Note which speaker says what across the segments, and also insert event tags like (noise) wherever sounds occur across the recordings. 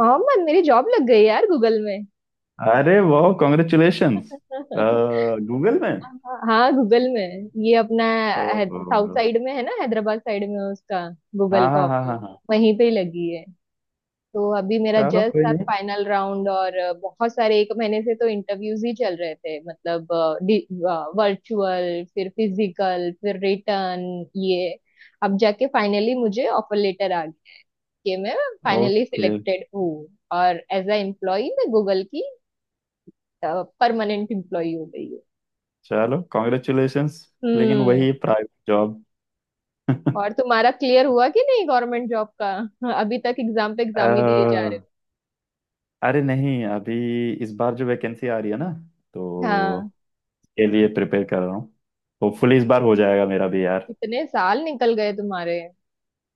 Speaker 1: मोहम्मद, मेरी जॉब लग गई यार, गूगल में।
Speaker 2: अरे वाह, कॉन्ग्रेचुलेशंस।
Speaker 1: (laughs)
Speaker 2: गूगल में?
Speaker 1: हाँ, गूगल में। ये अपना
Speaker 2: ओहो।
Speaker 1: साउथ साइड में है ना, हैदराबाद साइड में है उसका, गूगल
Speaker 2: हाँ
Speaker 1: का
Speaker 2: हाँ हाँ
Speaker 1: ऑफिस।
Speaker 2: हाँ हाँ।
Speaker 1: वहीं पे ही लगी है। तो अभी मेरा
Speaker 2: चलो कोई
Speaker 1: जस्ट अब
Speaker 2: नहीं।
Speaker 1: फाइनल राउंड और बहुत सारे, एक महीने से तो इंटरव्यूज ही चल रहे थे मतलब। वर्चुअल, फिर फिजिकल, फिर रिटर्न। ये, अब जाके फाइनली मुझे ऑफर लेटर आ गया कि मैं फाइनली
Speaker 2: ओके।
Speaker 1: सिलेक्टेड हूँ। और एज अ एम्प्लॉय मैं गूगल की परमानेंट एम्प्लॉय हो गई हो।
Speaker 2: चलो कॉन्ग्रेचुलेशंस। लेकिन
Speaker 1: हम्म।
Speaker 2: वही प्राइवेट जॉब।
Speaker 1: और तुम्हारा क्लियर हुआ कि नहीं, गवर्नमेंट जॉब का? हाँ, अभी तक एग्जाम पे एग्जाम ही दिए जा रहे
Speaker 2: अह, अरे नहीं अभी। इस बार जो वैकेंसी आ रही है ना,
Speaker 1: हो।
Speaker 2: तो
Speaker 1: हाँ,
Speaker 2: के लिए प्रिपेयर कर रहा हूँ। होपफुली इस बार हो जाएगा मेरा भी यार।
Speaker 1: कितने साल निकल गए तुम्हारे,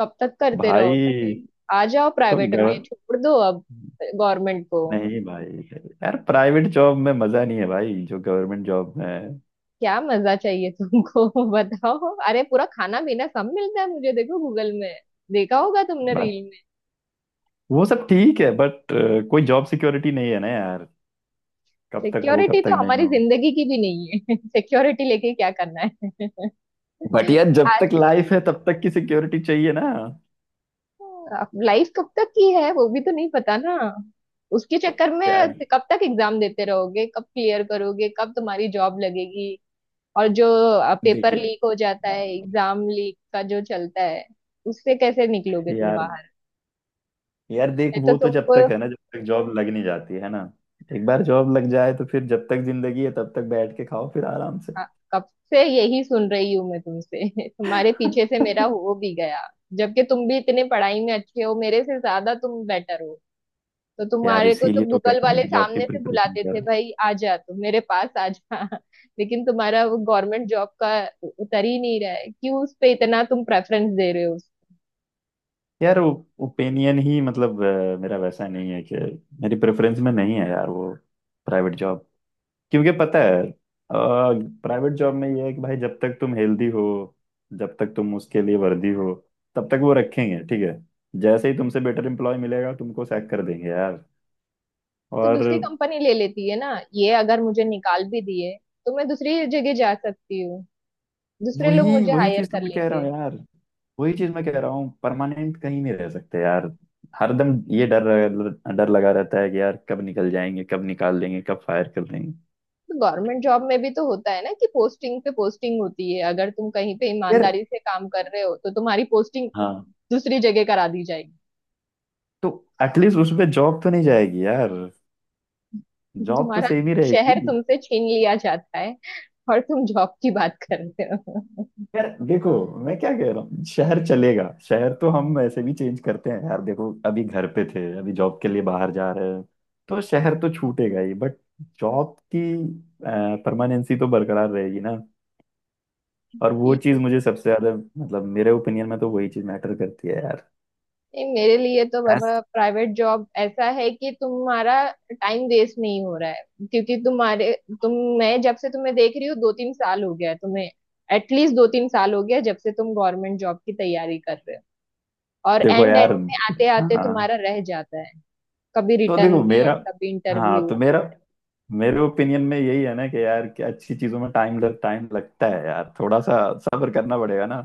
Speaker 1: कब तक करते
Speaker 2: भाई।
Speaker 1: रहोगे? आ जाओ
Speaker 2: तो
Speaker 1: प्राइवेट में,
Speaker 2: गवर
Speaker 1: छोड़ दो अब गवर्नमेंट को।
Speaker 2: नहीं भाई। यार, प्राइवेट जॉब में मजा नहीं है भाई जो गवर्नमेंट जॉब में
Speaker 1: क्या मजा चाहिए तुमको? (laughs) बताओ, अरे पूरा खाना पीना सब मिलता है, मुझे देखो गूगल में। देखा होगा तुमने
Speaker 2: है।
Speaker 1: रील में।
Speaker 2: वो सब ठीक है, बट कोई जॉब सिक्योरिटी नहीं है ना यार। कब तक हो
Speaker 1: सिक्योरिटी
Speaker 2: कब
Speaker 1: तो
Speaker 2: तक नहीं
Speaker 1: हमारी
Speaker 2: हो।
Speaker 1: जिंदगी की भी नहीं है। (laughs) सिक्योरिटी लेके क्या करना है?
Speaker 2: बट यार,
Speaker 1: (laughs)
Speaker 2: जब
Speaker 1: आज
Speaker 2: तक लाइफ है तब तक की सिक्योरिटी चाहिए ना।
Speaker 1: अब लाइफ कब तक की है वो भी तो नहीं पता ना, उसके चक्कर में।
Speaker 2: यार
Speaker 1: कब तक एग्जाम देते रहोगे, कब क्लियर करोगे, कब तुम्हारी जॉब लगेगी? और जो पेपर
Speaker 2: देखिए।
Speaker 1: लीक हो जाता है,
Speaker 2: हाँ।
Speaker 1: एग्जाम लीक का जो चलता है, उससे कैसे निकलोगे तुम
Speaker 2: यार।
Speaker 1: बाहर?
Speaker 2: यार देख,
Speaker 1: मैं तो
Speaker 2: वो तो जब
Speaker 1: तुमको,
Speaker 2: तक है ना, जब तक जॉब लग नहीं जाती है ना। एक बार जॉब लग जाए तो फिर जब तक जिंदगी है तब तक बैठ के खाओ फिर आराम से।
Speaker 1: हाँ, कब से यही सुन रही हूँ मैं तुमसे। (laughs) तुम्हारे पीछे से मेरा
Speaker 2: (laughs)
Speaker 1: हो भी गया, जबकि तुम भी इतने पढ़ाई में अच्छे हो, मेरे से ज्यादा तुम बेटर हो। तो
Speaker 2: यार
Speaker 1: तुम्हारे को तो
Speaker 2: इसीलिए तो क्या
Speaker 1: गूगल
Speaker 2: कर रहे
Speaker 1: वाले
Speaker 2: हैं, जॉब की
Speaker 1: सामने से
Speaker 2: प्रिपरेशन
Speaker 1: बुलाते
Speaker 2: कर रहे
Speaker 1: थे,
Speaker 2: हैं।
Speaker 1: भाई आ जा, तू मेरे पास आ जा। (laughs) लेकिन तुम्हारा वो गवर्नमेंट जॉब का उतर ही नहीं रहा है। क्यों उस पे इतना तुम प्रेफरेंस दे रहे हो?
Speaker 2: यार, ओपिनियन ही मतलब मेरा वैसा नहीं है कि मेरी प्रेफरेंस में नहीं है यार वो प्राइवेट जॉब। क्योंकि पता है, प्राइवेट जॉब में ये है कि भाई जब तक तुम हेल्दी हो, जब तक तुम उसके लिए वर्दी हो, तब तक वो रखेंगे, ठीक है। जैसे ही तुमसे बेटर एम्प्लॉय मिलेगा तुमको सैक कर देंगे यार।
Speaker 1: तो
Speaker 2: और
Speaker 1: दूसरी कंपनी ले लेती है ना, ये अगर मुझे निकाल भी दिए तो मैं दूसरी जगह जा सकती हूँ, दूसरे लोग
Speaker 2: वही
Speaker 1: मुझे
Speaker 2: वही
Speaker 1: हायर
Speaker 2: चीज तो
Speaker 1: कर
Speaker 2: मैं कह रहा
Speaker 1: लेंगे।
Speaker 2: हूँ यार। वही चीज मैं कह रहा हूँ, परमानेंट कहीं नहीं रह सकते यार। हरदम ये डर। डर लगा रहता है कि यार कब निकल जाएंगे, कब निकाल देंगे, कब फायर कर देंगे।
Speaker 1: तो गवर्नमेंट जॉब में भी तो होता है ना कि पोस्टिंग पे पोस्टिंग होती है। अगर तुम कहीं पे
Speaker 2: यार।
Speaker 1: ईमानदारी से काम कर रहे हो तो तुम्हारी पोस्टिंग
Speaker 2: हाँ।
Speaker 1: दूसरी जगह करा दी जाएगी।
Speaker 2: तो एटलीस्ट उसपे जॉब तो नहीं जाएगी यार।
Speaker 1: (laughs)
Speaker 2: जॉब तो
Speaker 1: तुम्हारा
Speaker 2: सेम ही
Speaker 1: शहर
Speaker 2: रहेगी।
Speaker 1: तुमसे छीन लिया जाता है और तुम जॉब की बात कर रहे हो।
Speaker 2: यार देखो, मैं क्या कह रहा हूँ, शहर चलेगा, शहर तो हम ऐसे भी चेंज करते हैं यार। देखो, अभी घर पे थे, अभी जॉब के लिए बाहर जा रहे हैं, तो शहर तो छूटेगा ही, बट जॉब की परमानेंसी तो बरकरार रहेगी ना। और वो चीज
Speaker 1: ठीक
Speaker 2: मुझे सबसे ज्यादा मतलब, मेरे ओपिनियन में तो वही चीज मैटर करती है यार।
Speaker 1: है, मेरे लिए तो
Speaker 2: ऐस
Speaker 1: बाबा प्राइवेट जॉब ऐसा है कि तुम्हारा टाइम वेस्ट नहीं हो रहा है। क्योंकि तुम्हारे, तुम, मैं जब से तुम्हें देख रही हूँ, 2-3 साल हो गया है तुम्हें, एटलीस्ट 2-3 साल हो गया जब से तुम गवर्नमेंट जॉब की तैयारी कर रहे हो। और
Speaker 2: देखो
Speaker 1: एंड
Speaker 2: यार।
Speaker 1: एंड में आते आते
Speaker 2: हाँ।
Speaker 1: तुम्हारा रह जाता है, कभी
Speaker 2: तो
Speaker 1: रिटर्न
Speaker 2: देखो
Speaker 1: में,
Speaker 2: मेरा।
Speaker 1: कभी
Speaker 2: हाँ।
Speaker 1: इंटरव्यू।
Speaker 2: तो मेरा मेरे ओपिनियन में यही है ना कि यार, कि अच्छी चीजों में टाइम लगता है यार, थोड़ा सा सब्र करना पड़ेगा ना।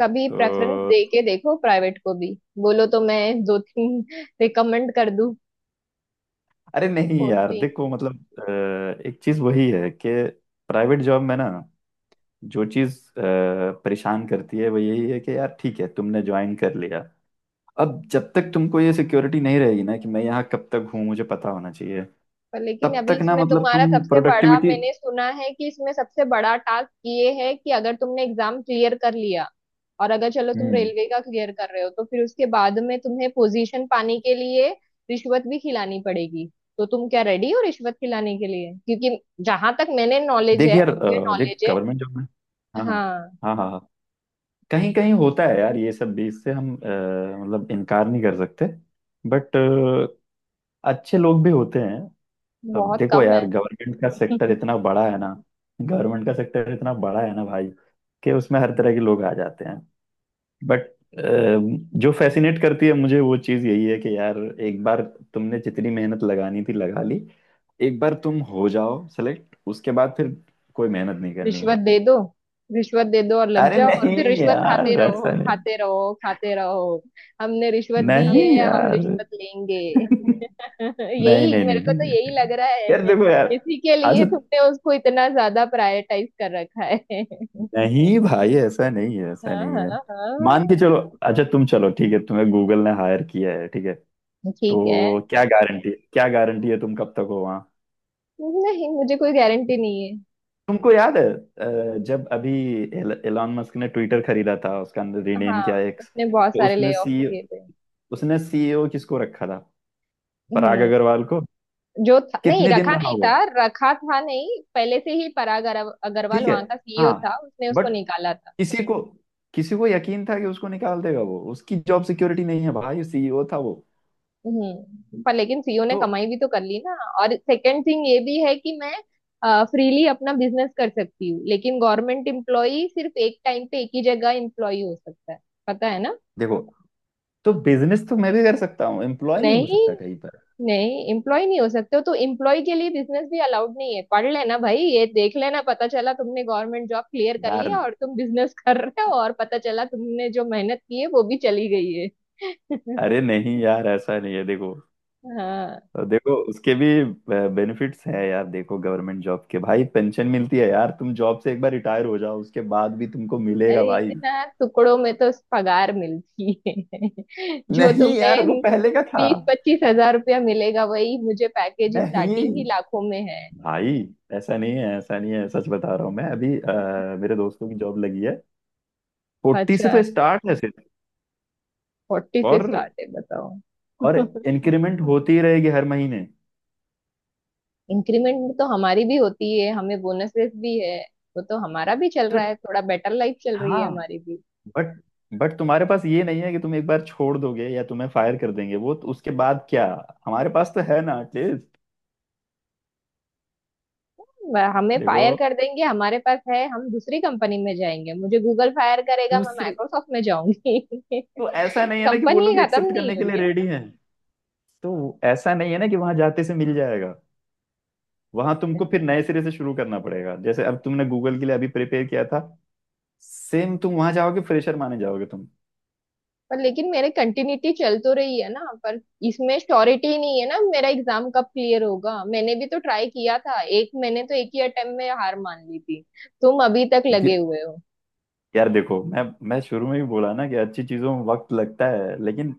Speaker 1: कभी
Speaker 2: तो
Speaker 1: प्रेफरेंस दे के देखो प्राइवेट को भी। बोलो तो मैं दो तीन (laughs) रिकमेंड कर दूं
Speaker 2: अरे नहीं यार,
Speaker 1: पोस्टिंग।
Speaker 2: देखो मतलब एक चीज वही है कि प्राइवेट जॉब में ना, जो चीज परेशान करती है वो यही है कि यार, ठीक है, तुमने ज्वाइन कर लिया। अब जब तक तुमको ये सिक्योरिटी नहीं रहेगी ना कि मैं यहाँ कब तक हूँ, मुझे पता होना चाहिए,
Speaker 1: पर लेकिन
Speaker 2: तब
Speaker 1: अभी
Speaker 2: तक ना
Speaker 1: इसमें
Speaker 2: मतलब
Speaker 1: तुम्हारा
Speaker 2: तुम
Speaker 1: सबसे बड़ा,
Speaker 2: प्रोडक्टिविटी।
Speaker 1: मैंने सुना है कि इसमें सबसे बड़ा टास्क ये है कि अगर तुमने एग्जाम क्लियर कर लिया, और अगर चलो तुम
Speaker 2: हम्म।
Speaker 1: रेलवे का क्लियर कर रहे हो, तो फिर उसके बाद में तुम्हें पोजीशन पाने के लिए रिश्वत भी खिलानी पड़ेगी। तो तुम क्या रेडी हो रिश्वत खिलाने के लिए? क्योंकि जहां तक मैंने नॉलेज
Speaker 2: देख
Speaker 1: है,
Speaker 2: यार,
Speaker 1: मुझे
Speaker 2: देख
Speaker 1: नॉलेज है।
Speaker 2: गवर्नमेंट जॉब में। हाँ हाँ
Speaker 1: हाँ,
Speaker 2: हाँ हाँ हाँ। कहीं कहीं होता है यार, ये सब भी, इससे हम मतलब इनकार नहीं कर सकते। बट अच्छे लोग भी होते हैं। अब
Speaker 1: बहुत
Speaker 2: देखो
Speaker 1: कम है।
Speaker 2: यार, गवर्नमेंट का सेक्टर
Speaker 1: (laughs)
Speaker 2: इतना बड़ा है ना। गवर्नमेंट का सेक्टर इतना बड़ा है ना भाई, कि उसमें हर तरह के लोग आ जाते हैं। बट जो फैसिनेट करती है मुझे वो चीज़ यही है कि यार, एक बार तुमने जितनी मेहनत लगानी थी लगा ली। एक बार तुम हो जाओ सेलेक्ट, उसके बाद फिर कोई मेहनत नहीं करनी है।
Speaker 1: रिश्वत दे दो, रिश्वत दे दो और लग
Speaker 2: अरे
Speaker 1: जाओ और
Speaker 2: नहीं
Speaker 1: फिर रिश्वत खाते
Speaker 2: यार,
Speaker 1: रहो,
Speaker 2: ऐसा नहीं।
Speaker 1: खाते रहो, खाते रहो। हमने रिश्वत दी
Speaker 2: नहीं
Speaker 1: है, हम
Speaker 2: यार।
Speaker 1: रिश्वत लेंगे।
Speaker 2: (laughs) नहीं,
Speaker 1: (laughs) यही
Speaker 2: नहीं,
Speaker 1: मेरे
Speaker 2: नहीं,
Speaker 1: को तो
Speaker 2: नहीं।
Speaker 1: यही लग रहा
Speaker 2: यार
Speaker 1: है,
Speaker 2: देखो यार।
Speaker 1: इसी के
Speaker 2: आज
Speaker 1: लिए तुमने उसको इतना ज्यादा प्रायोरिटाइज कर रखा है। (laughs)
Speaker 2: नहीं भाई, ऐसा नहीं है, ऐसा
Speaker 1: हाँ
Speaker 2: नहीं है।
Speaker 1: हाँ
Speaker 2: मान के
Speaker 1: हाँ,
Speaker 2: चलो। अच्छा, तुम चलो, ठीक है, तुम्हें गूगल ने हायर किया है, ठीक है,
Speaker 1: ठीक है।
Speaker 2: तो क्या गारंटी, है तुम कब तक हो वहाँ।
Speaker 1: नहीं, मुझे कोई गारंटी नहीं है।
Speaker 2: तुमको याद है, जब अभी एलॉन मस्क ने ट्विटर खरीदा था, उसका अंदर रीनेम
Speaker 1: हाँ,
Speaker 2: किया एक्स,
Speaker 1: उसने बहुत
Speaker 2: तो
Speaker 1: सारे ले ऑफ किए थे।
Speaker 2: उसने सीईओ किसको रखा था? पराग
Speaker 1: हम्म।
Speaker 2: अग्रवाल को।
Speaker 1: जो था, नहीं
Speaker 2: कितने दिन
Speaker 1: रखा
Speaker 2: रहा
Speaker 1: नहीं
Speaker 2: वो?
Speaker 1: था, रखा था। नहीं, पहले से ही पराग अग्रवाल
Speaker 2: ठीक है।
Speaker 1: वहां का सीईओ था,
Speaker 2: हाँ।
Speaker 1: उसने उसको
Speaker 2: बट
Speaker 1: निकाला था।
Speaker 2: किसी को किसी को यकीन था कि उसको निकाल देगा वो? उसकी जॉब सिक्योरिटी नहीं है भाई, सीईओ था वो।
Speaker 1: हम्म, पर लेकिन सीईओ ने
Speaker 2: तो
Speaker 1: कमाई भी तो कर ली ना। और सेकंड थिंग ये भी है कि मैं फ्रीली अपना बिजनेस कर सकती हूँ, लेकिन गवर्नमेंट एम्प्लॉई सिर्फ एक टाइम पे एक ही जगह एम्प्लॉई हो सकता है। पता है ना?
Speaker 2: देखो, तो बिजनेस तो मैं भी कर सकता हूँ, एम्प्लॉय नहीं हो
Speaker 1: नहीं,
Speaker 2: सकता कहीं पर।
Speaker 1: नहीं एम्प्लॉय नहीं हो सकते हो तो एम्प्लॉय के लिए बिजनेस भी अलाउड नहीं है। पढ़ लेना भाई, ये देख लेना। पता चला तुमने गवर्नमेंट जॉब क्लियर कर
Speaker 2: यार,
Speaker 1: लिया और तुम बिजनेस (laughs) कर रहे हो, और पता चला तुमने जो मेहनत की है वो भी चली गई है।
Speaker 2: अरे
Speaker 1: (laughs)
Speaker 2: नहीं यार, ऐसा नहीं है, देखो।
Speaker 1: हाँ।
Speaker 2: देखो, उसके भी बेनिफिट्स हैं यार, देखो, गवर्नमेंट जॉब के भाई, पेंशन मिलती है यार, तुम जॉब से एक बार रिटायर हो जाओ, उसके बाद भी तुमको मिलेगा
Speaker 1: अरे
Speaker 2: भाई।
Speaker 1: इतना टुकड़ों में तो पगार मिलती है (laughs) जो
Speaker 2: नहीं यार, वो
Speaker 1: तुम्हें।
Speaker 2: पहले का था।
Speaker 1: 20-25 हज़ार रुपया मिलेगा, वही मुझे पैकेज स्टार्टिंग
Speaker 2: नहीं
Speaker 1: ही लाखों में है।
Speaker 2: भाई, ऐसा नहीं है, ऐसा नहीं है, सच बता रहा हूँ, मैं अभी, मेरे दोस्तों की जॉब लगी है। फोर्टी से
Speaker 1: अच्छा,
Speaker 2: तो स्टार्ट है सिर्फ।
Speaker 1: 40 से
Speaker 2: और
Speaker 1: स्टार्ट है, बताओ।
Speaker 2: और
Speaker 1: (laughs)
Speaker 2: इंक्रीमेंट होती रहेगी हर महीने।
Speaker 1: इंक्रीमेंट तो हमारी भी होती है, हमें बोनसेस भी है। वो तो हमारा भी चल
Speaker 2: तो।
Speaker 1: रहा है, थोड़ा बेटर लाइफ चल रही है
Speaker 2: हाँ।
Speaker 1: हमारी भी।
Speaker 2: बट तुम्हारे पास ये नहीं है कि तुम एक बार छोड़ दोगे या तुम्हें फायर कर देंगे, वो तो उसके बाद क्या? हमारे पास तो है ना एटलीस्ट।
Speaker 1: हमें फायर
Speaker 2: देखो।
Speaker 1: कर देंगे हमारे पास है, हम दूसरी कंपनी में जाएंगे। मुझे गूगल फायर करेगा, मैं
Speaker 2: दूसरी,
Speaker 1: माइक्रोसॉफ्ट में जाऊंगी। (laughs)
Speaker 2: तो ऐसा नहीं है ना कि वो
Speaker 1: कंपनी
Speaker 2: लोग
Speaker 1: खत्म
Speaker 2: एक्सेप्ट
Speaker 1: नहीं
Speaker 2: करने
Speaker 1: हो
Speaker 2: के लिए
Speaker 1: रही है
Speaker 2: रेडी हैं। तो ऐसा नहीं है ना कि वहां जाते से मिल जाएगा। वहां तुमको
Speaker 1: मुझसे।
Speaker 2: फिर नए सिरे से शुरू करना पड़ेगा, जैसे अब तुमने गूगल के लिए अभी प्रिपेयर किया था। सेम तुम वहां जाओगे, फ्रेशर माने जाओगे तुम।
Speaker 1: पर लेकिन मेरे कंटिन्यूटी चल तो रही है ना, पर इसमें श्योरिटी नहीं है ना। मेरा एग्जाम कब क्लियर होगा? मैंने भी तो ट्राई किया था, एक मैंने तो एक ही अटेम्प्ट में हार मान ली थी। तुम अभी तक लगे
Speaker 2: दे-
Speaker 1: हुए हो।
Speaker 2: यार देखो, मैं शुरू में ही बोला ना कि अच्छी चीजों में वक्त लगता है, लेकिन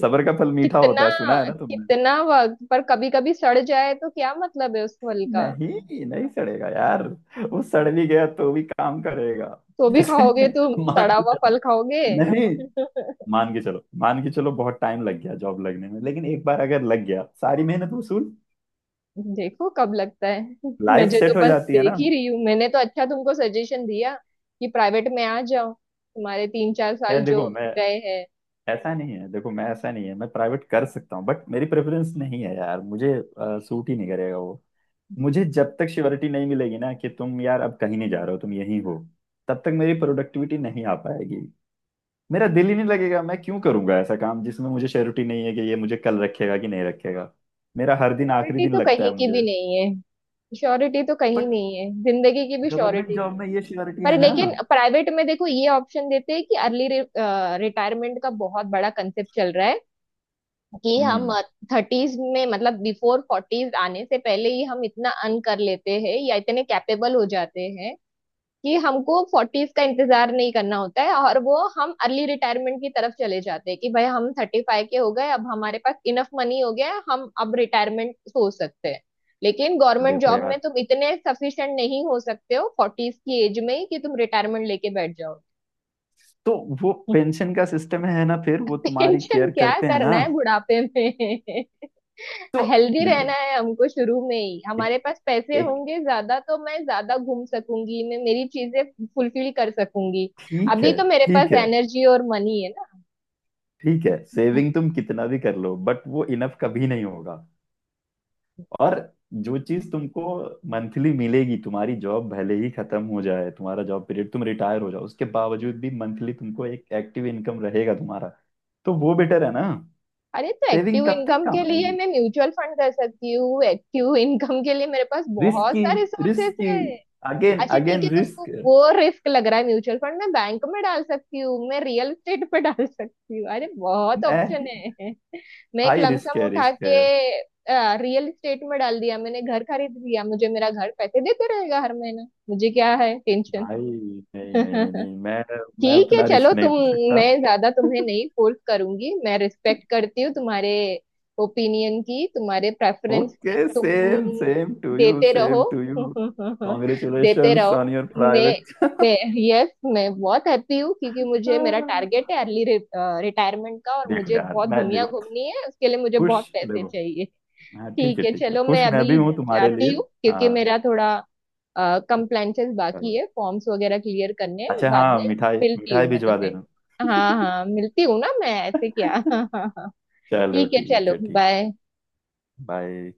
Speaker 2: सब्र का फल मीठा
Speaker 1: कितना,
Speaker 2: होता है, सुना है ना।
Speaker 1: कितना वक्त? पर कभी कभी सड़ जाए तो क्या मतलब है उस फल का?
Speaker 2: नहीं नहीं, सड़ेगा यार। वो सड़ भी गया तो भी काम करेगा।
Speaker 1: तो भी
Speaker 2: जैसे।
Speaker 1: खाओगे, तुम
Speaker 2: मान।
Speaker 1: सड़ा हुआ फल खाओगे?
Speaker 2: नहीं।
Speaker 1: (laughs)
Speaker 2: मान के चलो, मान के चलो, बहुत टाइम लग गया जॉब लगने में, लेकिन एक बार अगर लग गया सारी मेहनत वसूल।
Speaker 1: देखो कब लगता है। (laughs)
Speaker 2: लाइफ
Speaker 1: मुझे तो
Speaker 2: सेट हो
Speaker 1: बस
Speaker 2: जाती है
Speaker 1: देख
Speaker 2: ना।
Speaker 1: ही रही हूँ। मैंने तो अच्छा तुमको सजेशन दिया कि प्राइवेट में आ जाओ, तुम्हारे तीन चार
Speaker 2: यार
Speaker 1: साल जो
Speaker 2: देखो, मैं
Speaker 1: गए हैं।
Speaker 2: ऐसा नहीं है, देखो मैं, ऐसा नहीं है, मैं प्राइवेट कर सकता हूँ, बट मेरी प्रेफरेंस नहीं है यार, मुझे सूट ही नहीं करेगा वो। मुझे जब तक श्योरिटी नहीं मिलेगी ना कि तुम यार अब कहीं नहीं जा रहे हो, तुम यहीं हो, तब तक मेरी प्रोडक्टिविटी नहीं आ पाएगी। मेरा दिल ही नहीं लगेगा, मैं क्यों करूंगा ऐसा काम जिसमें मुझे श्योरिटी नहीं है कि ये मुझे कल रखेगा कि नहीं रखेगा। मेरा हर दिन आखिरी
Speaker 1: श्योरिटी
Speaker 2: दिन
Speaker 1: तो
Speaker 2: लगता
Speaker 1: कहीं
Speaker 2: है
Speaker 1: की भी
Speaker 2: मुझे।
Speaker 1: नहीं है, श्योरिटी तो कहीं
Speaker 2: बट
Speaker 1: नहीं है, जिंदगी की भी
Speaker 2: गवर्नमेंट
Speaker 1: श्योरिटी
Speaker 2: जॉब
Speaker 1: नहीं है।
Speaker 2: में ये श्योरिटी
Speaker 1: पर
Speaker 2: है ना।
Speaker 1: लेकिन प्राइवेट में देखो ये ऑप्शन देते हैं कि अर्ली रिटायरमेंट का बहुत बड़ा कंसेप्ट चल रहा है कि हम
Speaker 2: हम्म।
Speaker 1: 30s में, मतलब बिफोर 40s आने से पहले ही, हम इतना अर्न कर लेते हैं या इतने कैपेबल हो जाते हैं कि हमको 40s का इंतजार नहीं करना होता है और वो हम अर्ली रिटायरमेंट की तरफ चले जाते हैं कि भाई हम 35 के हो गए, अब हमारे पास इनफ मनी हो गया है, हम अब रिटायरमेंट सोच सकते हैं। लेकिन गवर्नमेंट
Speaker 2: देखो
Speaker 1: जॉब में
Speaker 2: यार,
Speaker 1: तुम इतने सफिशिएंट नहीं हो सकते हो 40s की एज में ही कि तुम रिटायरमेंट लेके बैठ जाओ।
Speaker 2: तो वो
Speaker 1: (laughs)
Speaker 2: पेंशन का सिस्टम है ना, फिर वो तुम्हारी
Speaker 1: टेंशन
Speaker 2: केयर
Speaker 1: क्या
Speaker 2: करते हैं
Speaker 1: करना
Speaker 2: ना।
Speaker 1: है बुढ़ापे में? (laughs)
Speaker 2: तो
Speaker 1: हेल्दी रहना
Speaker 2: देखो।
Speaker 1: है हमको, शुरू में ही
Speaker 2: एक
Speaker 1: हमारे पास पैसे
Speaker 2: एक
Speaker 1: होंगे ज्यादा तो मैं ज्यादा घूम सकूंगी, मैं मेरी चीजें फुलफिल कर सकूंगी।
Speaker 2: ठीक
Speaker 1: अभी
Speaker 2: है,
Speaker 1: तो मेरे पास
Speaker 2: ठीक है,
Speaker 1: एनर्जी और मनी है ना।
Speaker 2: ठीक है। सेविंग तुम कितना भी कर लो, बट वो इनफ कभी नहीं होगा। और जो चीज तुमको मंथली मिलेगी, तुम्हारी जॉब भले ही खत्म हो जाए, तुम्हारा जॉब पीरियड तुम रिटायर हो जाओ, उसके बावजूद भी मंथली तुमको एक एक्टिव इनकम रहेगा तुम्हारा। तो वो बेटर है ना।
Speaker 1: अरे, तो
Speaker 2: सेविंग
Speaker 1: एक्टिव
Speaker 2: कब तक
Speaker 1: इनकम के
Speaker 2: काम
Speaker 1: लिए
Speaker 2: आएगी।
Speaker 1: मैं म्यूचुअल फंड कर सकती हूँ, एक्टिव इनकम (laughs) के लिए मेरे पास बहुत
Speaker 2: रिस्की।
Speaker 1: सारे सोर्सेस
Speaker 2: रिस्की।
Speaker 1: है।
Speaker 2: अगेन
Speaker 1: अच्छा ठीक
Speaker 2: अगेन
Speaker 1: है, तुमको
Speaker 2: रिस्क।
Speaker 1: वो रिस्क लग रहा है। म्यूचुअल फंड मैं बैंक में डाल सकती हूँ, मैं रियल एस्टेट पे डाल सकती हूँ, अरे बहुत ऑप्शन
Speaker 2: नहीं,
Speaker 1: है। (laughs) मैं एक
Speaker 2: हाई रिस्क
Speaker 1: लमसम
Speaker 2: है,
Speaker 1: उठा
Speaker 2: रिस्क है
Speaker 1: के रियल एस्टेट में डाल दिया, मैंने घर खरीद लिया, मुझे मेरा घर पैसे देते रहेगा हर महीना, मुझे क्या है टेंशन?
Speaker 2: भाई। नहीं, नहीं, नहीं,
Speaker 1: (laughs)
Speaker 2: नहीं, मैं
Speaker 1: ठीक है
Speaker 2: उतना
Speaker 1: चलो
Speaker 2: रिस्क नहीं
Speaker 1: तुम,
Speaker 2: ले सकता।
Speaker 1: मैं ज्यादा तुम्हें नहीं फोर्स करूंगी। मैं रिस्पेक्ट करती हूँ तुम्हारे ओपिनियन की, तुम्हारे प्रेफरेंस की,
Speaker 2: ओके, सेम
Speaker 1: तुम
Speaker 2: सेम टू यू,
Speaker 1: देते रहो।
Speaker 2: Same to you.
Speaker 1: (laughs) देते
Speaker 2: कॉन्ग्रेचुलेशंस ऑन
Speaker 1: रहो।
Speaker 2: योर
Speaker 1: मैं मैं यस, मैं बहुत हैप्पी हूँ क्योंकि मुझे, मेरा
Speaker 2: प्राइवेट।
Speaker 1: टारगेट है अर्ली रिटायरमेंट का और
Speaker 2: देखो
Speaker 1: मुझे
Speaker 2: यार,
Speaker 1: बहुत
Speaker 2: मैं,
Speaker 1: दुनिया
Speaker 2: देखो,
Speaker 1: घूमनी है, उसके लिए मुझे
Speaker 2: खुश,
Speaker 1: बहुत पैसे
Speaker 2: देखो,
Speaker 1: चाहिए।
Speaker 2: हाँ, ठीक
Speaker 1: ठीक
Speaker 2: है,
Speaker 1: है
Speaker 2: ठीक है,
Speaker 1: चलो,
Speaker 2: खुश
Speaker 1: मैं
Speaker 2: मैं भी
Speaker 1: अभी
Speaker 2: हूँ तुम्हारे (laughs)
Speaker 1: जाती
Speaker 2: लिए।
Speaker 1: हूँ क्योंकि
Speaker 2: हाँ।
Speaker 1: मेरा थोड़ा कंप्लेंसेस बाकी
Speaker 2: चलो,
Speaker 1: है, फॉर्म्स वगैरह क्लियर करने हैं
Speaker 2: अच्छा,
Speaker 1: बाद
Speaker 2: हाँ,
Speaker 1: में।
Speaker 2: मिठाई
Speaker 1: मिलती हूँ
Speaker 2: मिठाई
Speaker 1: मैं
Speaker 2: भिजवा
Speaker 1: तुम्हें।
Speaker 2: देना।
Speaker 1: हाँ
Speaker 2: (laughs)
Speaker 1: हाँ, मिलती हूँ ना मैं, ऐसे क्या? (laughs) हाँ हाँ हाँ,
Speaker 2: चलो,
Speaker 1: ठीक है
Speaker 2: ठीक
Speaker 1: चलो
Speaker 2: है, ठीक।
Speaker 1: बाय।
Speaker 2: बाय।